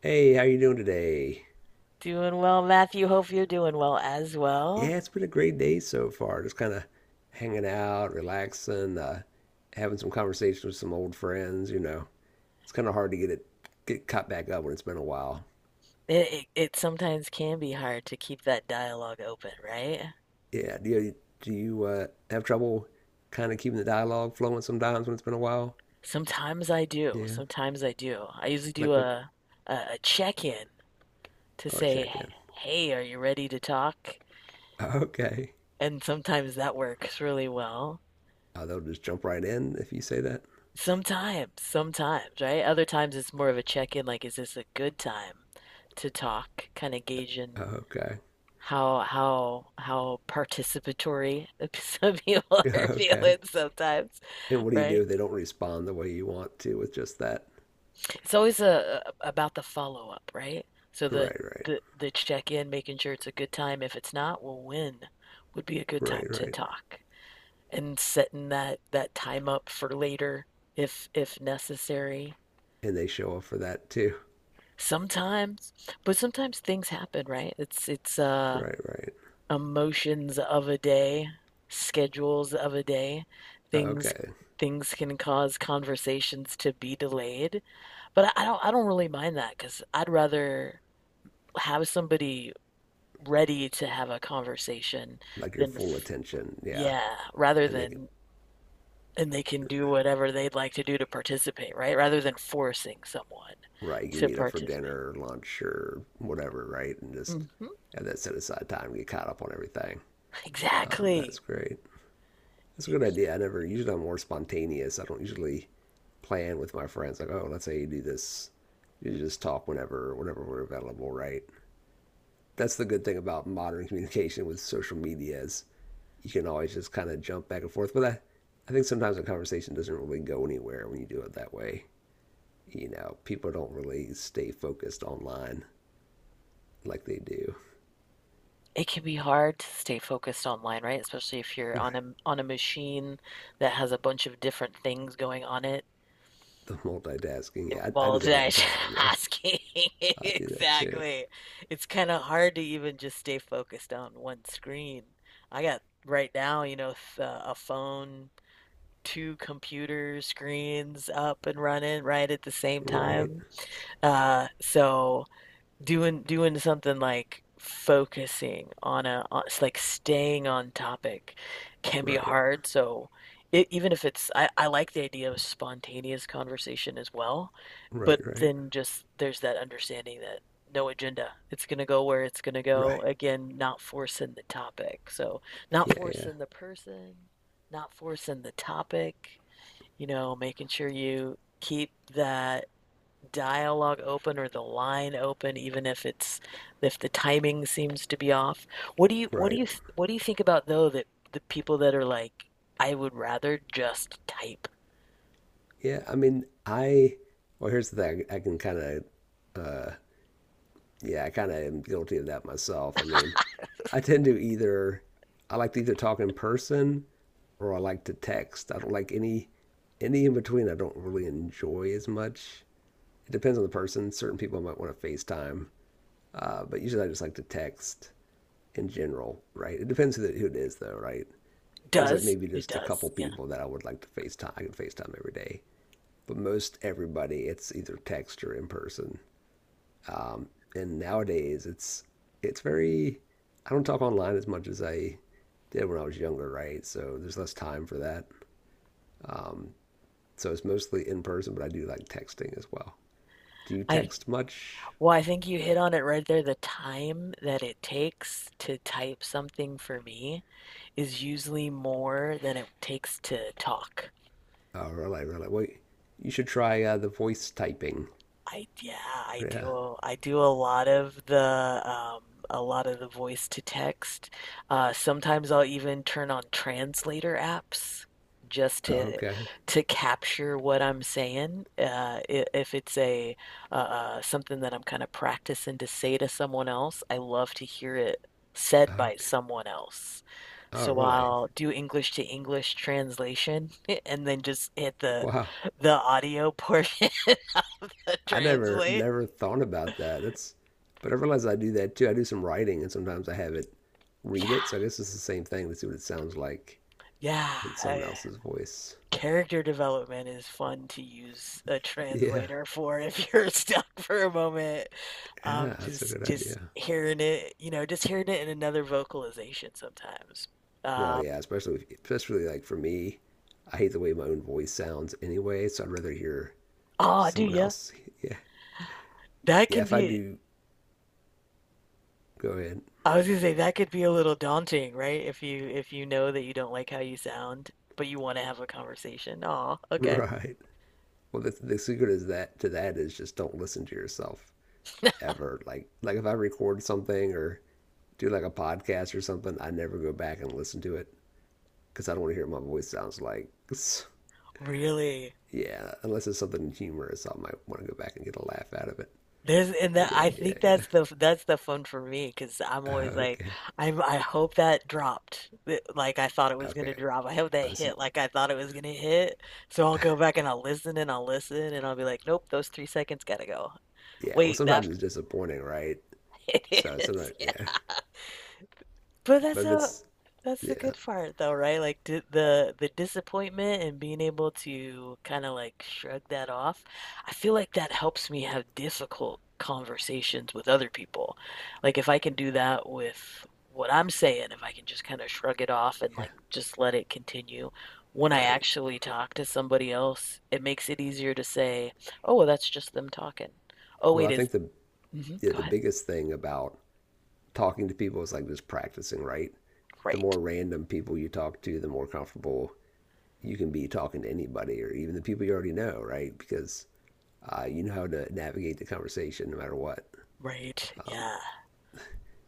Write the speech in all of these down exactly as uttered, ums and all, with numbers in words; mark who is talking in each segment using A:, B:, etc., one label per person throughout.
A: Hey, how you doing today?
B: Doing well, Matthew. Hope you're doing well as well.
A: Yeah, it's been a great day so far. Just kind of hanging out, relaxing, uh, having some conversations with some old friends. You know, it's kind of hard to get it get caught back up when it's been a while.
B: It, it, it sometimes can be hard to keep that dialogue open, right?
A: Yeah, do you, do you uh, have trouble kind of keeping the dialogue flowing sometimes when it's been a while?
B: Sometimes I do.
A: Yeah,
B: Sometimes I do. I usually do
A: like what?
B: a a, a check-in to
A: Oh,
B: say,
A: check in.
B: "Hey, are you ready to talk?"
A: Okay.
B: And sometimes that works really well.
A: Oh, they'll just jump right in if you say that.
B: Sometimes, sometimes, right? Other times it's more of a check-in, like, "Is this a good time to talk?" Kind of gauging
A: Okay.
B: how how how participatory some people are feeling
A: Okay.
B: sometimes,
A: And what do you do
B: right?
A: if they don't respond the way you want to with just that?
B: It's always a, a- about the follow up, right? So the
A: Right, right,
B: the the check in, making sure it's a good time. If it's not, well, when would be a good
A: right,
B: time to
A: right,
B: talk and setting that that time up for later if if necessary.
A: and they show up for that too.
B: Sometimes, but sometimes things happen, right? It's it's uh
A: Right, right.
B: emotions of a day, schedules of a day, things
A: Okay.
B: things can cause conversations to be delayed. But I don't I don't really mind that because I'd rather have somebody ready to have a conversation
A: Like your
B: than
A: full
B: f-
A: attention. Yeah.
B: yeah, rather
A: And they can,
B: than and they can do whatever they'd like to do to participate, right? Rather than forcing someone
A: right, you
B: to
A: meet up for
B: participate.
A: dinner or lunch or whatever, right? And just
B: Hmm.
A: have that set aside time, get caught up on everything. Um,
B: Exactly.
A: that's great. That's a good
B: Exactly.
A: idea. I never, usually I'm more spontaneous. I don't usually plan with my friends, like, oh, let's say you do this. You just talk whenever, whenever we're available, right? That's the good thing about modern communication with social media is you can always just kind of jump back and forth. But I, I think sometimes a conversation doesn't really go anywhere when you do it that way. You know, people don't really stay focused online like they do.
B: It can be hard to stay focused online, right? Especially if you're on
A: Right.
B: a on a machine that has a bunch of different things going on it.
A: The multitasking. Yeah, I, I do that all the
B: Multitasking.
A: time. Yeah, I do that too.
B: Exactly. It's kind of hard to even just stay focused on one screen. I got right now, you know, f- uh, a phone, two computer screens up and running right at the same
A: Right.
B: time. Uh, so doing doing something like focusing on a on, s- like staying on topic can be
A: Right.
B: hard so it, even if it's I, I like the idea of spontaneous conversation as well,
A: Right.
B: but
A: Right.
B: then just there's that understanding that no agenda, it's going to go where it's going to go.
A: Right.
B: Again, not forcing the topic, so not
A: Yeah. Yeah.
B: forcing the person, not forcing the topic, you know, making sure you keep that dialogue open or the line open, even if it's if the timing seems to be off. What do you what do
A: Right.
B: you what do you think about though, that the people that are like, I would rather just type.
A: Yeah. I mean, I. Well, here's the thing. I can kind of uh, Yeah, I kind of am guilty of that myself. I mean, I tend to either I like to either talk in person or I like to text. I don't like any any in between. I don't really enjoy as much. It depends on the person. Certain people might want to FaceTime, uh, but usually I just like to text in general, right? It depends who, the, who it is, though, right? There's like
B: Does
A: maybe
B: it
A: just a couple
B: does, yeah,
A: people that I would like to FaceTime. I can FaceTime every day, but most everybody, it's either text or in person. Um, and nowadays, it's it's very. I don't talk online as much as I did when I was younger, right? So there's less time for that. Um, so it's mostly in person, but I do like texting as well. Do you
B: I,
A: text much?
B: well, I think you hit on it right there. The time that it takes to type something for me is usually more than it takes to talk.
A: Oh, really, really. Well, you should try uh, the voice typing.
B: I yeah, I
A: Yeah.
B: do I do a lot of the um a lot of the voice to text. Uh sometimes I'll even turn on translator apps just
A: Oh,
B: to
A: okay.
B: to capture what I'm saying. Uh i- if it's a uh uh, something that I'm kind of practicing to say to someone else, I love to hear it
A: Oh,
B: said by
A: okay.
B: someone else.
A: Oh,
B: So
A: really?
B: I'll do English to English translation and then just hit the
A: Wow.
B: the audio portion to
A: I never
B: translate.
A: never thought about that. That's, but I realize I do that too. I do some writing, and sometimes I have it read it. So I
B: Yeah,
A: guess it's the same thing to see what it sounds like
B: yeah.
A: in
B: Uh,
A: someone else's voice.
B: character development is fun to use a
A: Yeah,
B: translator for if you're stuck for a moment. Um,
A: yeah, that's a
B: just
A: good
B: just
A: idea.
B: hearing it, you know, just hearing it in another vocalization sometimes.
A: Well,
B: Um,
A: yeah, especially especially like for me, I hate the way my own voice sounds anyway, so I'd rather hear
B: oh, do
A: someone
B: ya?
A: else. Yeah,
B: That
A: yeah.
B: can
A: If I
B: be.
A: do, go ahead.
B: I was gonna say that could be a little daunting, right? If you if you know that you don't like how you sound, but you want to have a conversation. Oh, okay.
A: Right. Well, the, the secret is that to that is just don't listen to yourself ever. Like like if I record something or do like a podcast or something, I never go back and listen to it because I don't want to hear what my voice sounds like.
B: Really?
A: Yeah, unless it's something humorous, I might want to go back and get a laugh out of it.
B: There's, and
A: Oh
B: that,
A: yeah,
B: I think
A: yeah, yeah.
B: that's the that's the fun for me because I'm
A: Uh,
B: always like,
A: okay,
B: I'm, I hope that dropped th- like I thought it was gonna
A: okay.
B: drop. I hope that
A: I see.
B: hit like I thought it was gonna hit. So I'll go back and I'll listen and I'll listen and I'll be like, nope, those three seconds gotta go.
A: Yeah. Well,
B: Wait, that
A: sometimes it's disappointing, right?
B: it
A: So it's
B: is.
A: not. Yeah.
B: Yeah. But
A: But
B: that's
A: if
B: a,
A: it's
B: that's the
A: yeah,
B: good part though, right? Like d the the disappointment and being able to kind of like shrug that off. I feel like that helps me have difficult conversations with other people. Like if I can do that with what I'm saying, if I can just kind of shrug it off and
A: yeah,
B: like just let it continue, when I
A: right.
B: actually talk to somebody else, it makes it easier to say, "Oh, well, that's just them talking." Oh,
A: Well,
B: wait,
A: I
B: is
A: think the
B: mm-hmm,
A: yeah,
B: go
A: the
B: ahead.
A: biggest thing about talking to people is like just practicing, right? The
B: Right.
A: more random people you talk to, the more comfortable you can be talking to anybody or even the people you already know, right? Because uh, you know how to navigate the conversation no matter what.
B: Right. Yeah.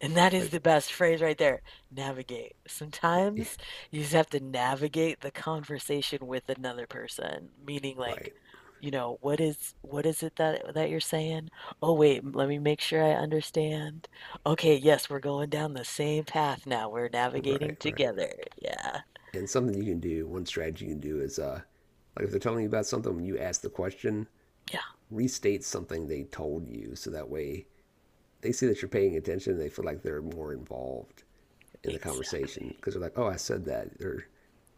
B: And that is
A: Like,
B: the best phrase right there. Navigate. Sometimes you just have to navigate the conversation with another person, meaning like,
A: right,
B: you know, what is, what is it that that you're saying? Oh wait, m- let me make sure I understand. Okay, yes, we're going down the same path now. We're navigating
A: right, right.
B: together. Yeah.
A: And something you can do, one strategy you can do is, uh, like if they're telling you about something, when you ask the question,
B: Yeah,
A: restate something they told you, so that way they see that you're paying attention. They feel like they're more involved in the
B: exactly.
A: conversation because they're like, "Oh, I said that," or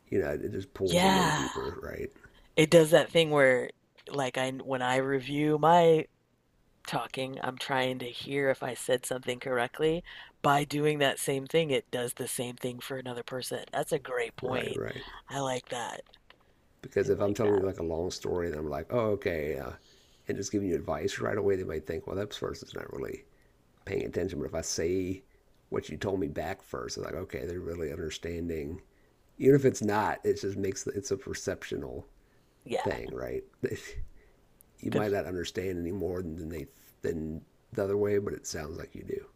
A: you know, it just pulls them in
B: Yeah.
A: deeper, right?
B: It does that thing where like I, when I review my talking, I'm trying to hear if I said something correctly. By doing that same thing, it does the same thing for another person. That's a great
A: Right,
B: point.
A: right.
B: I like that. I
A: Because if I'm
B: like
A: telling you
B: that.
A: like a long story, and I'm like, "Oh, okay," uh, and just giving you advice right away, they might think, "Well, that person's not really paying attention." But if I say what you told me back first, they're like, "Okay, they're really understanding." Even if it's not, it just makes it's a perceptional
B: Yeah.
A: thing, right? You
B: The,
A: might not understand any more than they than the other way, but it sounds like you do.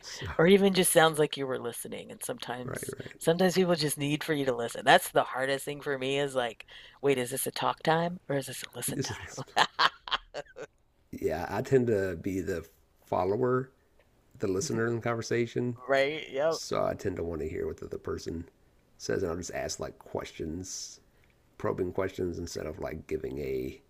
A: So
B: or even just sounds like you were listening. And
A: right,
B: sometimes,
A: right.
B: sometimes people just need for you to listen. That's the hardest thing for me is like, wait, is this a talk time or is this a
A: You
B: listen
A: just
B: time?
A: listen. Yeah, I tend to be the follower, the listener in the conversation.
B: Right? Yep.
A: So I tend to want to hear what the other person says, and I'll just ask like questions, probing questions instead of like giving a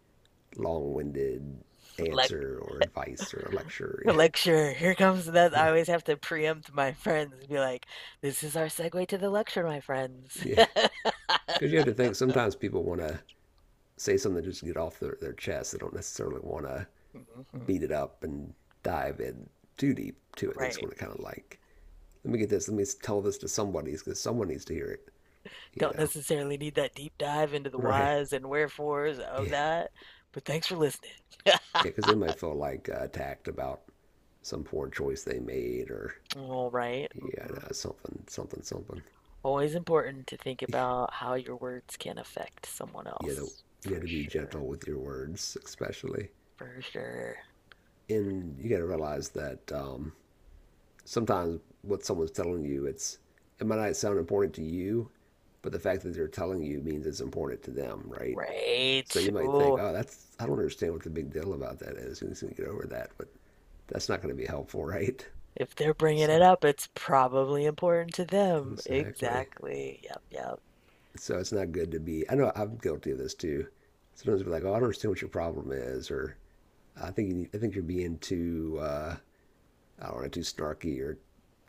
A: long-winded
B: Like,
A: answer or advice or a lecture.
B: lecture. Here comes that.
A: Yeah,
B: I
A: right.
B: always have to preempt my friends and be like, this is our segue to the lecture, my friends.
A: Yeah, because you have to think sometimes people want to say something just to get off their, their chest. They don't necessarily want to beat
B: Mhm.
A: it up and dive in too deep to it. They just
B: Right.
A: want to kind of like, let me get this, let me tell this to somebody because someone needs to hear it, you
B: Don't
A: know?
B: necessarily need that deep dive into the
A: Right.
B: whys and wherefores of
A: Yeah.
B: that, but thanks for listening.
A: Yeah. Because they might feel like uh, attacked about some poor choice they made, or
B: All right.
A: yeah,
B: Mhm.
A: no, something, something, something.
B: Always important to think about how your words can affect someone
A: Yeah. The,
B: else.
A: you
B: For
A: have to be
B: sure.
A: gentle with your words, especially.
B: For sure.
A: And you got to realize that um, sometimes what someone's telling you, it's it might not sound important to you, but the fact that they're telling you means it's important to them, right? So
B: Right.
A: you might think,
B: Ooh,
A: oh, that's I don't understand what the big deal about that is. You just need to get over that, but that's not going to be helpful, right?
B: if they're bringing
A: So
B: it up, it's probably important to them.
A: exactly.
B: Exactly. Yep, yep.
A: So it's not good to be. I know I'm guilty of this too. Sometimes I'll be like, oh, I don't understand what your problem is, or I think you I think you're being too uh, I don't know, too snarky or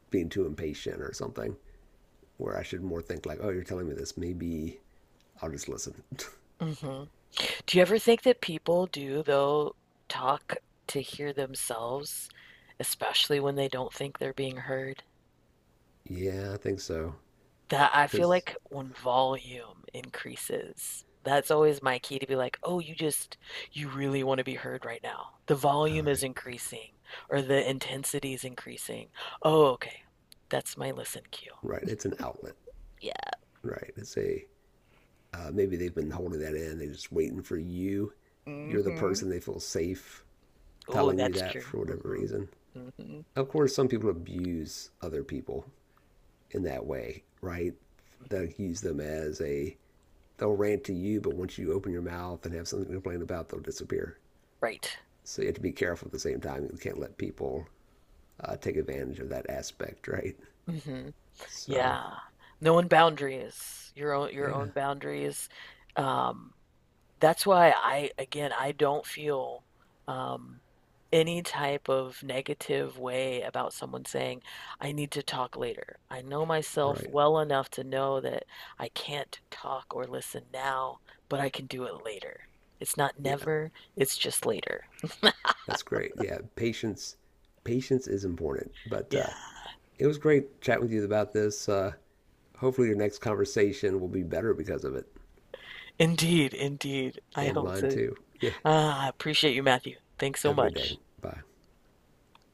A: being too impatient or something. Where I should more think like, oh, you're telling me this, maybe I'll just listen.
B: Hmm. Do you ever think that people do, though, talk to hear themselves, especially when they don't think they're being heard?
A: Yeah, I think so.
B: That, I feel
A: Because,
B: like when volume increases, that's always my key to be like, oh, you just, you really want to be heard right now. The
A: all
B: volume is
A: right,
B: increasing or the intensity is increasing. Oh, okay. That's my listen cue.
A: right. It's an outlet,
B: Yeah.
A: right? It's a, uh, maybe they've been holding that in. They're just waiting for you. You're the
B: Hmm.
A: person they feel safe
B: Oh,
A: telling you
B: that's
A: that
B: true.
A: for whatever
B: Hmm.
A: reason.
B: Hmm.
A: Of course, some people abuse other people in that way, right? They'll use them as a, they'll rant to you, but once you open your mouth and have something to complain about, they'll disappear.
B: Right.
A: So you have to be careful at the same time. You can't let people uh, take advantage of that aspect, right?
B: Mm-hmm.
A: So,
B: Yeah. Knowing boundaries, your own your
A: yeah.
B: own boundaries. Um, that's why I, again, I don't feel um, any type of negative way about someone saying, I need to talk later. I know myself
A: Right.
B: well enough to know that I can't talk or listen now, but I can do it later. It's not
A: Yeah,
B: never, it's just later.
A: that's great. Yeah, patience, patience is important. But
B: Yeah.
A: uh, it was great chatting with you about this. Uh, hopefully, your next conversation will be better because of it,
B: Indeed, indeed. I
A: and
B: hope
A: mine
B: so.
A: too. Yeah.
B: Ah, I appreciate you, Matthew. Thanks so
A: Have a good day.
B: much.
A: Bye.